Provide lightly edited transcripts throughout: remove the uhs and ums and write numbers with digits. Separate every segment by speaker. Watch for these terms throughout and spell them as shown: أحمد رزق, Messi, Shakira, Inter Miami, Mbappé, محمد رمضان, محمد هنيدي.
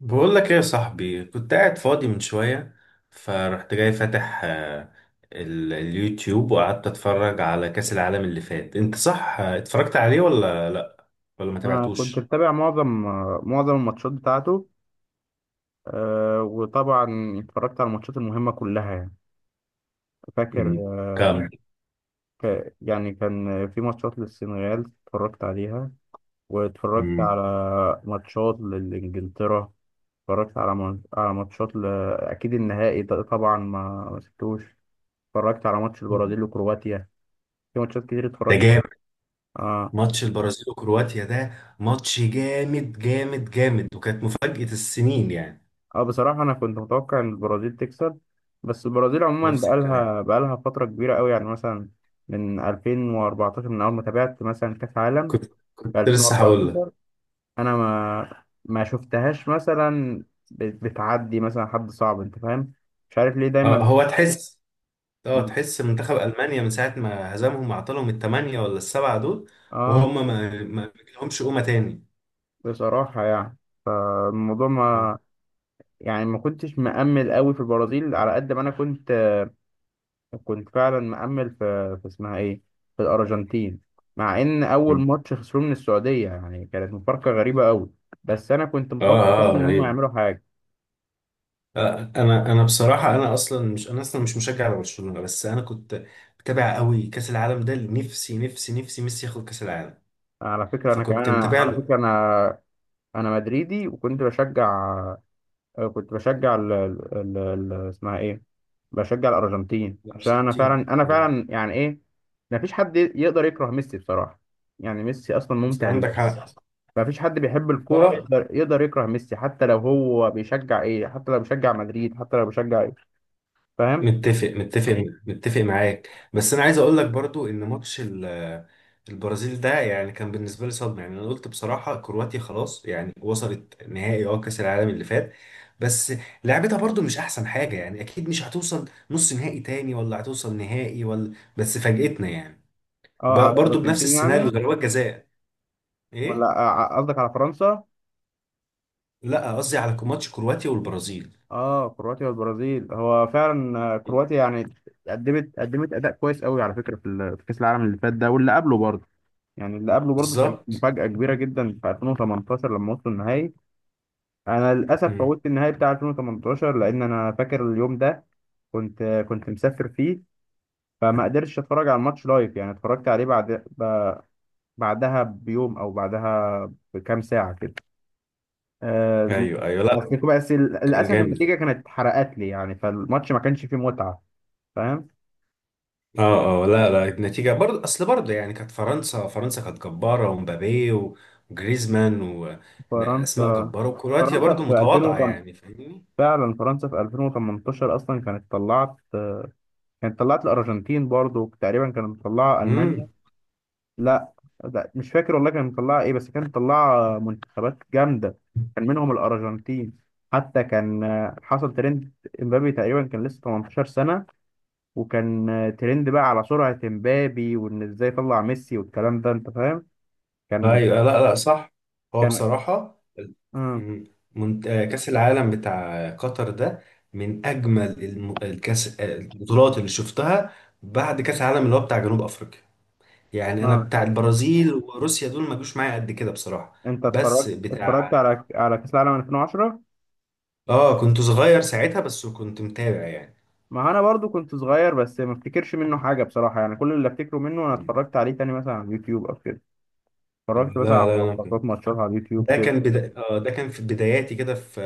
Speaker 1: بقول لك ايه يا صاحبي؟ كنت قاعد فاضي من شوية، فرحت جاي فاتح اليوتيوب، وقعدت اتفرج على كأس العالم اللي فات. انت صح اتفرجت عليه ولا لا؟ ولا ما
Speaker 2: أنا كنت
Speaker 1: تابعتوش؟
Speaker 2: متابع معظم الماتشات بتاعته. وطبعا اتفرجت على الماتشات المهمة كلها يعني. فاكر.
Speaker 1: مم. كام؟
Speaker 2: يعني كان في ماتشات للسنغال اتفرجت عليها، واتفرجت
Speaker 1: مم.
Speaker 2: على ماتشات لإنجلترا، اتفرجت على على ماتشات أكيد النهائي طبعا ما سبتوش. اتفرجت على ماتش البرازيل وكرواتيا. في ماتشات كتير
Speaker 1: ده
Speaker 2: اتفرجت.
Speaker 1: جامد.
Speaker 2: آه،
Speaker 1: ماتش البرازيل وكرواتيا ده ماتش جامد جامد جامد، وكانت مفاجأة السنين يعني.
Speaker 2: اه، بصراحة أنا كنت متوقع إن البرازيل تكسب، بس البرازيل عموما
Speaker 1: نفس الكلام.
Speaker 2: بقالها فترة كبيرة أوي، يعني مثلا من 2014، من أول ما تابعت مثلا كأس عالم
Speaker 1: كنت
Speaker 2: في
Speaker 1: كنت لسه هقول لك.
Speaker 2: 2014. أنا ما شفتهاش مثلا، بتعدي مثلا حد صعب، أنت فاهم؟ مش عارف ليه دايما.
Speaker 1: هو تحس،
Speaker 2: م-
Speaker 1: منتخب ألمانيا من ساعة ما هزمهم وعطلهم الثمانية ولا السبعة دول،
Speaker 2: اه
Speaker 1: وهم ما لهمش قومة تاني.
Speaker 2: بصراحة يعني، فالموضوع
Speaker 1: اه،
Speaker 2: ما يعني ما كنتش مأمل أوي في البرازيل على قد ما أنا كنت فعلا مأمل في اسمها ايه، في الأرجنتين. مع ان اول ماتش خسروه من السعودية، يعني كانت مفارقة غريبة قوي، بس انا كنت متوقع فعلا
Speaker 1: اه،
Speaker 2: ان هم
Speaker 1: غريب.
Speaker 2: يعملوا حاجة.
Speaker 1: انا بصراحة، انا اصلا مش مشجع لبرشلونة، بس انا كنت متابع قوي كأس العالم ده، نفسي نفسي نفسي ميسي ياخد كأس العالم،
Speaker 2: على فكرة انا كمان،
Speaker 1: فكنت متابع
Speaker 2: على
Speaker 1: له.
Speaker 2: فكرة انا مدريدي، وكنت بشجع. كنت بشجع اسمها ايه، بشجع الأرجنتين، عشان انا
Speaker 1: 60.
Speaker 2: فعلا، انا فعلا يعني ايه، مفيش حد يقدر يكره ميسي بصراحة. يعني ميسي اصلا ممتع
Speaker 1: عندك
Speaker 2: للعين.
Speaker 1: حق.
Speaker 2: ما فيش حد بيحب الكورة
Speaker 1: اه،
Speaker 2: يقدر، يقدر يكره ميسي، حتى لو هو بيشجع ايه، حتى لو بيشجع مدريد، حتى لو بيشجع ايه، فاهم؟
Speaker 1: متفق متفق متفق معاك. بس انا عايز اقول لك برضو ان ماتش البرازيل ده يعني كان بالنسبه لي صدمه. يعني انا قلت بصراحه كرواتيا خلاص، يعني وصلت نهائي كاس العالم اللي فات، بس لعبتها برضو مش احسن حاجه يعني، اكيد مش هتوصل نص نهائي تاني ولا هتوصل نهائي ولا، بس فاجئتنا يعني.
Speaker 2: اه، على
Speaker 1: برضو بنفس
Speaker 2: الارجنتين
Speaker 1: السيناريو،
Speaker 2: يعني.
Speaker 1: ضربات جزاء.
Speaker 2: ولا
Speaker 1: ايه؟
Speaker 2: قصدك على فرنسا.
Speaker 1: لا، قصدي على ماتش كرواتيا والبرازيل.
Speaker 2: اه، كرواتيا والبرازيل، هو فعلا، كرواتيا يعني قدمت اداء كويس قوي على فكرة في في كأس العالم اللي فات ده واللي قبله برضه. يعني اللي قبله برضه كانت
Speaker 1: بالظبط.
Speaker 2: مفاجأة كبيرة جدا في 2018 لما وصلوا النهائي. انا للاسف
Speaker 1: مم.
Speaker 2: فوتت النهائي بتاع 2018، لان انا فاكر اليوم ده كنت كنت مسافر فيه، فما قدرتش اتفرج على الماتش لايف. يعني اتفرجت عليه بعد، ب- بعدها بيوم او بعدها بكام ساعه كده. آه،
Speaker 1: ايوه، ايوه، لا،
Speaker 2: بس، بس
Speaker 1: كان
Speaker 2: للاسف النتيجه
Speaker 1: جامد.
Speaker 2: كانت اتحرقت لي، يعني فالماتش ما كانش فيه متعه، فاهم؟
Speaker 1: اه، اه، لا، لا، النتيجة برضه. اصل برضه يعني كانت فرنسا كانت جبارة، ومبابي وجريزمان واسماء
Speaker 2: فرنسا
Speaker 1: جبارة، وكرواتيا
Speaker 2: فرنسا
Speaker 1: برضه
Speaker 2: في
Speaker 1: متواضعة
Speaker 2: 2008.
Speaker 1: يعني. فاهمني؟
Speaker 2: فعلا فرنسا في 2018 اصلا كانت طلعت. كانت طلعت الارجنتين برضو، تقريبا كانت مطلعه المانيا.
Speaker 1: امم.
Speaker 2: لا لا، مش فاكر والله، كان مطلعه ايه، بس كان مطلعه منتخبات جامده، كان منهم الارجنتين. حتى كان حصل ترند، امبابي تقريبا كان لسه 18 سنه، وكان ترند بقى على سرعه امبابي، وان ازاي طلع ميسي والكلام ده، انت فاهم؟ كان
Speaker 1: ايوه، لا، لا، صح. هو
Speaker 2: كان
Speaker 1: بصراحة.
Speaker 2: اه
Speaker 1: مم. كأس العالم بتاع قطر ده من أجمل الم- الكأس آه، البطولات اللي شفتها بعد كأس العالم اللي هو بتاع جنوب أفريقيا. يعني أنا
Speaker 2: اه
Speaker 1: بتاع البرازيل وروسيا دول ما جوش معايا قد كده بصراحة.
Speaker 2: انت
Speaker 1: بس
Speaker 2: اتفرجت
Speaker 1: بتاع،
Speaker 2: اتفرجت على على كاس العالم 2010؟
Speaker 1: اه كنت صغير ساعتها بس كنت متابع يعني.
Speaker 2: ما انا برضو كنت صغير، بس ما افتكرش منه حاجه بصراحه. يعني كل اللي افتكره منه، انا
Speaker 1: مم.
Speaker 2: اتفرجت عليه تاني مثلا على اليوتيوب او كده. اتفرجت
Speaker 1: لا،
Speaker 2: مثلا على
Speaker 1: لا،
Speaker 2: لقطات ماتشات على اليوتيوب
Speaker 1: ده
Speaker 2: كده.
Speaker 1: كان بدا... آه ده كان في بداياتي كده، في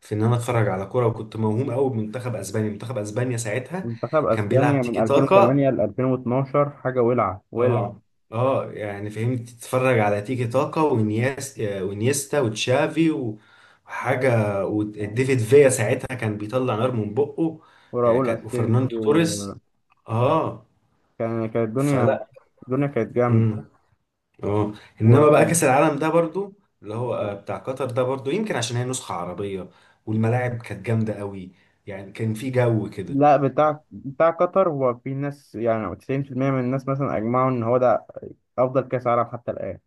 Speaker 1: في ان انا اتفرج على كوره، وكنت موهوم قوي بمنتخب اسبانيا، منتخب اسبانيا ساعتها
Speaker 2: منتخب
Speaker 1: كان بيلعب
Speaker 2: اسبانيا من
Speaker 1: تيكي تاكا.
Speaker 2: 2008 ل 2012، حاجه ولعه ولعه.
Speaker 1: اه، اه، يعني فهمت، تتفرج على تيكي تاكا ونياس آه، ونيستا وتشافي
Speaker 2: أي،
Speaker 1: وحاجه، وديفيد فيا ساعتها كان بيطلع نار من بقه يعني.
Speaker 2: وراؤول
Speaker 1: كان وفرناندو
Speaker 2: اسينسيو
Speaker 1: توريس. اه.
Speaker 2: كان كانت الدنيا
Speaker 1: فلا.
Speaker 2: الدنيا كانت جامده.
Speaker 1: اه. انما بقى
Speaker 2: وكان
Speaker 1: كاس العالم ده برضو، اللي هو بتاع قطر ده، برضو يمكن عشان هي نسخة عربية، والملاعب كانت جامدة قوي، يعني كان في جو كده.
Speaker 2: لا، بتاع قطر هو، في ناس يعني 90% من الناس مثلا اجمعوا ان هو ده افضل كاس عالم حتى الان.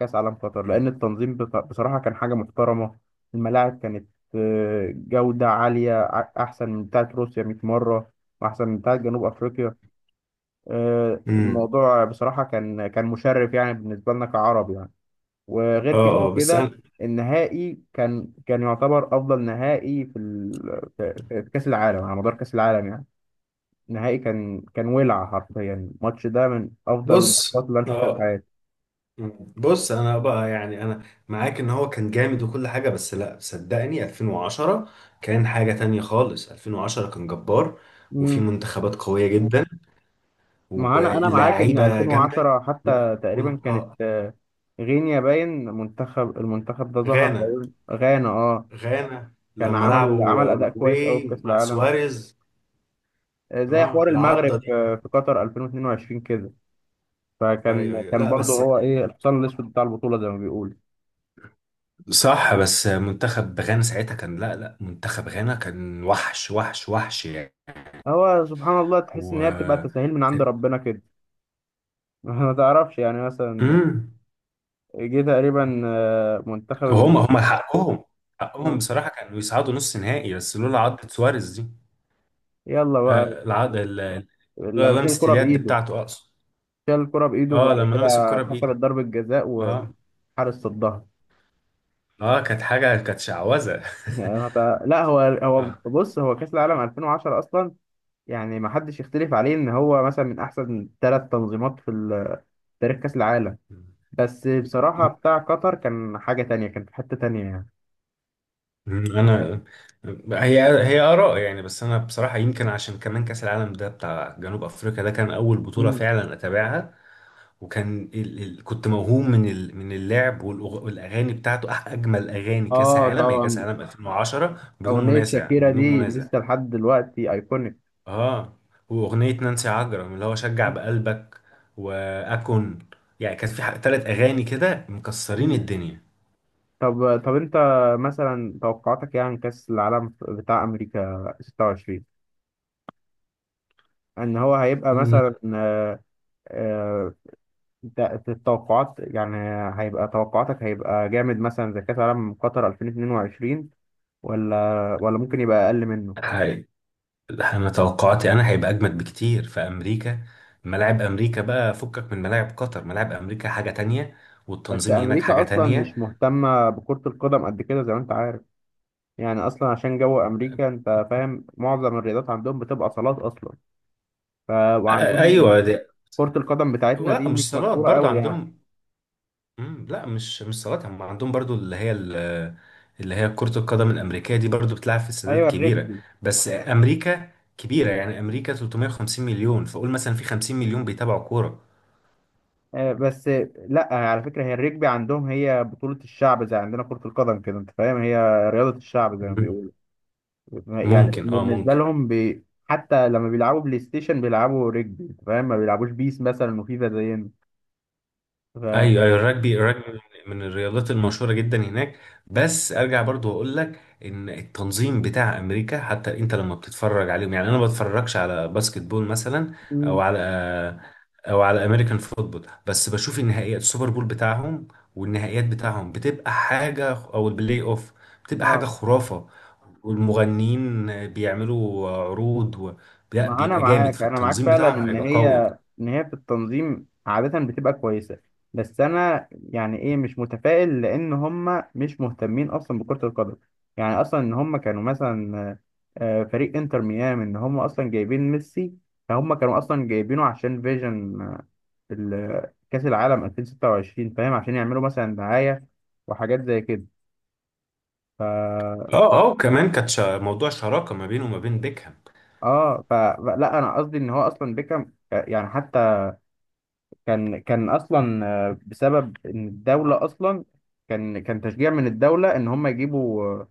Speaker 2: كاس عالم قطر،
Speaker 1: مم.
Speaker 2: لان التنظيم بصراحه كان حاجه محترمه. الملاعب كانت جوده عاليه احسن من بتاعه روسيا 100 مره، واحسن من بتاعه جنوب افريقيا.
Speaker 1: امم.
Speaker 2: الموضوع بصراحة كان مشرف يعني، بالنسبة لنا كعرب يعني. وغير كده
Speaker 1: اه، اه، بس
Speaker 2: وكده.
Speaker 1: انا.
Speaker 2: النهائي كان يعتبر أفضل نهائي في ال... في في كأس العالم على مدار كأس العالم يعني. النهائي كان ولع حرفيا، الماتش ده من أفضل الماتشات
Speaker 1: بص
Speaker 2: اللي أنا شفتها في
Speaker 1: اه
Speaker 2: حياتي.
Speaker 1: مم. بص انا بقى يعني انا معاك ان هو كان جامد وكل حاجه، بس لا، صدقني 2010 كان حاجه تانية خالص. 2010 كان جبار، وفي
Speaker 2: امم
Speaker 1: منتخبات قويه جدا،
Speaker 2: ما أنا معاك إن
Speaker 1: واللعيبه جامده
Speaker 2: 2010
Speaker 1: و...
Speaker 2: حتى
Speaker 1: وال...
Speaker 2: تقريبا كانت.
Speaker 1: اه
Speaker 2: غينيا، باين المنتخب ده ظهر
Speaker 1: غانا
Speaker 2: تقريبا، غانا. اه
Speaker 1: غانا
Speaker 2: كان
Speaker 1: لما
Speaker 2: عمل
Speaker 1: لعبوا
Speaker 2: عمل أداء كويس أوي في
Speaker 1: اوروجواي
Speaker 2: كأس
Speaker 1: مع
Speaker 2: العالم،
Speaker 1: سواريز.
Speaker 2: زي
Speaker 1: اه،
Speaker 2: حوار
Speaker 1: العضه
Speaker 2: المغرب
Speaker 1: دي.
Speaker 2: في قطر 2022 كده.
Speaker 1: ايوه،
Speaker 2: فكان
Speaker 1: ايوه،
Speaker 2: كان
Speaker 1: لا،
Speaker 2: برضه
Speaker 1: بس
Speaker 2: هو ايه، الحصان الاسود بتاع البطوله زي ما بيقول.
Speaker 1: صح. بس منتخب غانا ساعتها كان، لا، لا، منتخب غانا كان وحش وحش وحش يعني.
Speaker 2: هو سبحان الله، تحس ان هي بتبقى
Speaker 1: و،
Speaker 2: تساهيل من عند ربنا كده. ما تعرفش يعني مثلا،
Speaker 1: امم،
Speaker 2: جه تقريبا منتخب
Speaker 1: هم هم حقهم
Speaker 2: آه،
Speaker 1: بصراحة كانوا يصعدوا نص نهائي، بس لولا عضة سواريز دي.
Speaker 2: يلا بقى،
Speaker 1: آه العض ال- ال-
Speaker 2: لما
Speaker 1: لولا
Speaker 2: شال
Speaker 1: لمسة
Speaker 2: الكره
Speaker 1: اليد
Speaker 2: بايده
Speaker 1: بتاعته اقصد.
Speaker 2: شال الكره بايده
Speaker 1: اه،
Speaker 2: وبعد
Speaker 1: لما لمس
Speaker 2: كده
Speaker 1: الكرة
Speaker 2: اتحسبت
Speaker 1: بإيده.
Speaker 2: ضربه جزاء
Speaker 1: اه،
Speaker 2: والحارس صدها.
Speaker 1: اه، كانت حاجة كانت شعوذة.
Speaker 2: يعني لا، هو هو
Speaker 1: اه.
Speaker 2: بص هو كاس العالم 2010 اصلا يعني، ما حدش يختلف عليه ان هو مثلا من احسن ثلاث تنظيمات في تاريخ كأس العالم، بس بصراحة بتاع قطر كان حاجة تانية، كان في حتة تانية يعني.
Speaker 1: انا، هي هي اراء يعني، بس انا بصراحه يمكن عشان كمان كاس العالم ده بتاع جنوب افريقيا ده كان اول بطوله
Speaker 2: مم.
Speaker 1: فعلا اتابعها. وكان كنت موهوم من من اللعب، والاغاني بتاعته. اجمل اغاني كاس
Speaker 2: اه
Speaker 1: عالم هي كاس
Speaker 2: طبعا،
Speaker 1: عالم 2010، بدون
Speaker 2: أغنية
Speaker 1: منازع
Speaker 2: شاكيرا
Speaker 1: بدون
Speaker 2: دي
Speaker 1: منازع.
Speaker 2: لسه لحد دلوقتي أيكونيك.
Speaker 1: اه. واغنيه نانسي عجرم اللي هو شجع بقلبك واكون، يعني كان في 3 اغاني كده مكسرين
Speaker 2: مم.
Speaker 1: الدنيا.
Speaker 2: طب طب، أنت مثلا توقعاتك يعني كأس العالم بتاع أمريكا 26، إن هو هيبقى مثلا، آه، التوقعات يعني، هيبقى توقعاتك هيبقى جامد مثلا زي كأس العالم قطر 2022، ولا ممكن يبقى أقل منه؟
Speaker 1: مم. لا، انا توقعاتي هيبقى اجمد بكتير في امريكا. ملاعب امريكا بقى فكك من ملاعب قطر، ملاعب امريكا حاجة تانية،
Speaker 2: بس
Speaker 1: والتنظيم هناك
Speaker 2: امريكا
Speaker 1: حاجة
Speaker 2: اصلا
Speaker 1: تانية.
Speaker 2: مش مهتمه بكره القدم قد كده، زي ما انت عارف. يعني اصلا عشان جو امريكا، انت فاهم، معظم الرياضات عندهم بتبقى صالات اصلا. ف...
Speaker 1: ايوه
Speaker 2: وعندهم
Speaker 1: دي.
Speaker 2: كره القدم بتاعتنا
Speaker 1: لا،
Speaker 2: دي
Speaker 1: مش
Speaker 2: مش
Speaker 1: صالات
Speaker 2: مشهوره
Speaker 1: برضو
Speaker 2: قوي يعني.
Speaker 1: عندهم. لا، مش صالات، هم عندهم برضو اللي هي اللي هي كرة القدم الأمريكية دي برضو بتلعب في استادات
Speaker 2: ايوه،
Speaker 1: كبيرة.
Speaker 2: الرجبي.
Speaker 1: بس أمريكا كبيرة يعني، أمريكا 350 مليون، فقول مثلا في 50 مليون بيتابعوا كورة.
Speaker 2: بس لا، على فكره، هي الرجبي عندهم هي بطوله الشعب، زي عندنا كره القدم كده، انت فاهم، هي رياضه الشعب زي ما
Speaker 1: مم.
Speaker 2: بيقولوا. يعني
Speaker 1: ممكن اه
Speaker 2: بالنسبه
Speaker 1: ممكن
Speaker 2: لهم حتى لما بيلعبوا بلاي ستيشن بيلعبوا رجبي، انت فاهم، ما بيلعبوش بيس مثلا وفيفا زينا. ف...
Speaker 1: ايوه، ايوه، الرجبي من الرياضات المشهوره جدا هناك. بس ارجع برضو اقول لك ان التنظيم بتاع امريكا، حتى انت لما بتتفرج عليهم يعني، انا ما بتفرجش على باسكت بول مثلا، او
Speaker 2: مم.
Speaker 1: على او على امريكان فوتبول، بس بشوف النهائيات، السوبر بول بتاعهم والنهائيات بتاعهم بتبقى حاجه، او البلاي اوف بتبقى حاجه
Speaker 2: اه،
Speaker 1: خرافه، والمغنيين بيعملوا عروض لا،
Speaker 2: ما هو انا
Speaker 1: بيبقى جامد،
Speaker 2: معاك، انا معاك
Speaker 1: فالتنظيم
Speaker 2: فعلا
Speaker 1: بتاعهم
Speaker 2: ان
Speaker 1: هيبقى
Speaker 2: هي،
Speaker 1: قوي.
Speaker 2: ان هي في التنظيم عادة بتبقى كويسة، بس انا يعني ايه مش متفائل، لان هم مش مهتمين اصلا بكرة القدم. يعني اصلا ان هم كانوا مثلا فريق انتر ميامي، ان هم اصلا جايبين ميسي، فهم كانوا اصلا جايبينه عشان فيجن كأس العالم 2026، فاهم، عشان يعملوا مثلا دعاية وحاجات زي كده. ف
Speaker 1: اه، اه، وكمان كانت موضوع شراكه ما بينه وما بين بيكهام.
Speaker 2: اه ف لا، انا قصدي ان هو اصلا بيكهام يعني، كان اصلا بسبب ان الدوله اصلا، كان تشجيع من الدوله ان هم يجيبوا آه،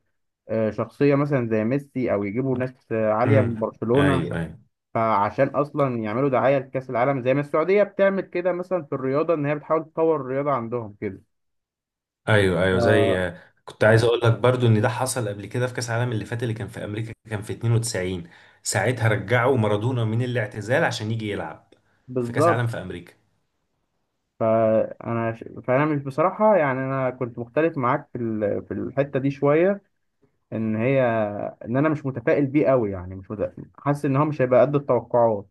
Speaker 2: آه، شخصيه مثلا زي ميسي، او يجيبوا ناس عاليه من
Speaker 1: امم،
Speaker 2: برشلونه،
Speaker 1: ايوه، ايوه،
Speaker 2: فعشان اصلا يعملوا دعايه لكاس العالم، زي ما السعوديه بتعمل كده مثلا في الرياضه، ان هي بتحاول تطور الرياضه عندهم كده.
Speaker 1: ايوه، ايوه،
Speaker 2: ف-
Speaker 1: كنت عايز اقول لك برضو ان ده حصل قبل كده في كاس العالم اللي فات اللي كان في امريكا، كان في 92، ساعتها رجعوا مارادونا من الاعتزال عشان يجي يلعب في كاس
Speaker 2: بالظبط.
Speaker 1: العالم في امريكا.
Speaker 2: فانا فانا مش بصراحه، يعني انا كنت مختلف معاك في في الحته دي شويه، ان هي ان انا مش متفائل بيه قوي، يعني مش حاسس ان هو مش هيبقى قد التوقعات.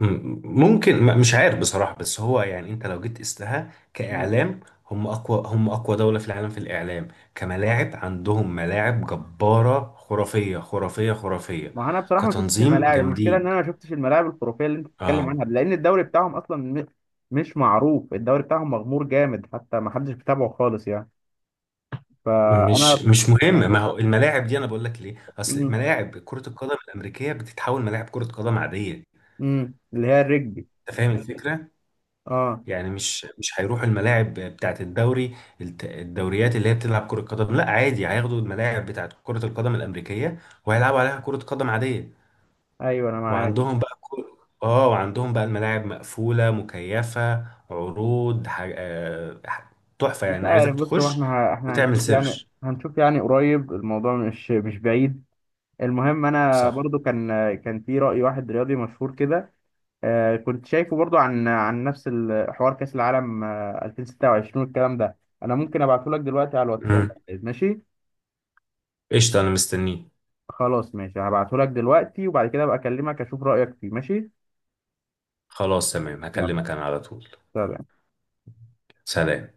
Speaker 1: ممكن، مش عارف بصراحه، بس هو يعني، انت لو جيت قستها كاعلام، هم اقوى دوله في العالم في الاعلام، كملاعب عندهم ملاعب جباره خرافيه خرافيه خرافيه،
Speaker 2: ما انا بصراحه ما شفتش
Speaker 1: كتنظيم
Speaker 2: الملاعب، المشكله ان
Speaker 1: جامدين.
Speaker 2: انا ما شفتش الملاعب الخرافيه اللي انت بتتكلم
Speaker 1: اه،
Speaker 2: عنها، لان الدوري بتاعهم اصلا مش معروف، الدوري بتاعهم مغمور جامد، حتى ما حدش بيتابعه خالص يعني. فانا.
Speaker 1: مش مهم، ما هو الملاعب دي انا بقول لك ليه، اصل
Speaker 2: مم.
Speaker 1: ملاعب كرة القدم الامريكية بتتحول ملاعب كرة قدم عادية.
Speaker 2: مم. اللي هي الرجبي.
Speaker 1: انت فاهم الفكرة
Speaker 2: اه،
Speaker 1: يعني، مش هيروحوا الملاعب بتاعت الدوري الدوريات اللي هي بتلعب كرة قدم، لا عادي، هياخدوا الملاعب بتاعت كرة القدم الامريكية وهيلعبوا عليها كرة قدم عادية.
Speaker 2: ايوه انا معاك.
Speaker 1: وعندهم بقى كل... اه وعندهم بقى الملاعب مقفولة مكيفة، عروض تحفة
Speaker 2: مش
Speaker 1: يعني، عايزك
Speaker 2: عارف، بص، هو
Speaker 1: تخش
Speaker 2: احنا احنا
Speaker 1: وتعمل
Speaker 2: هنشوف يعني،
Speaker 1: سيرش.
Speaker 2: هنشوف يعني قريب الموضوع، مش بعيد. المهم انا
Speaker 1: صح.
Speaker 2: برضو كان في رأي واحد رياضي مشهور كده، كنت شايفه برضو عن نفس حوار كأس العالم 2026 والكلام ده. انا ممكن ابعته لك دلوقتي على الواتساب، طيب، ماشي؟
Speaker 1: قشطة، أنا مستنيك.
Speaker 2: خلاص ماشي، هبعته لك دلوقتي، وبعد كده ابقى اكلمك اشوف رأيك فيه، ماشي؟
Speaker 1: خلاص تمام،
Speaker 2: يلا،
Speaker 1: هكلمك أنا على طول.
Speaker 2: سلام.
Speaker 1: سلام.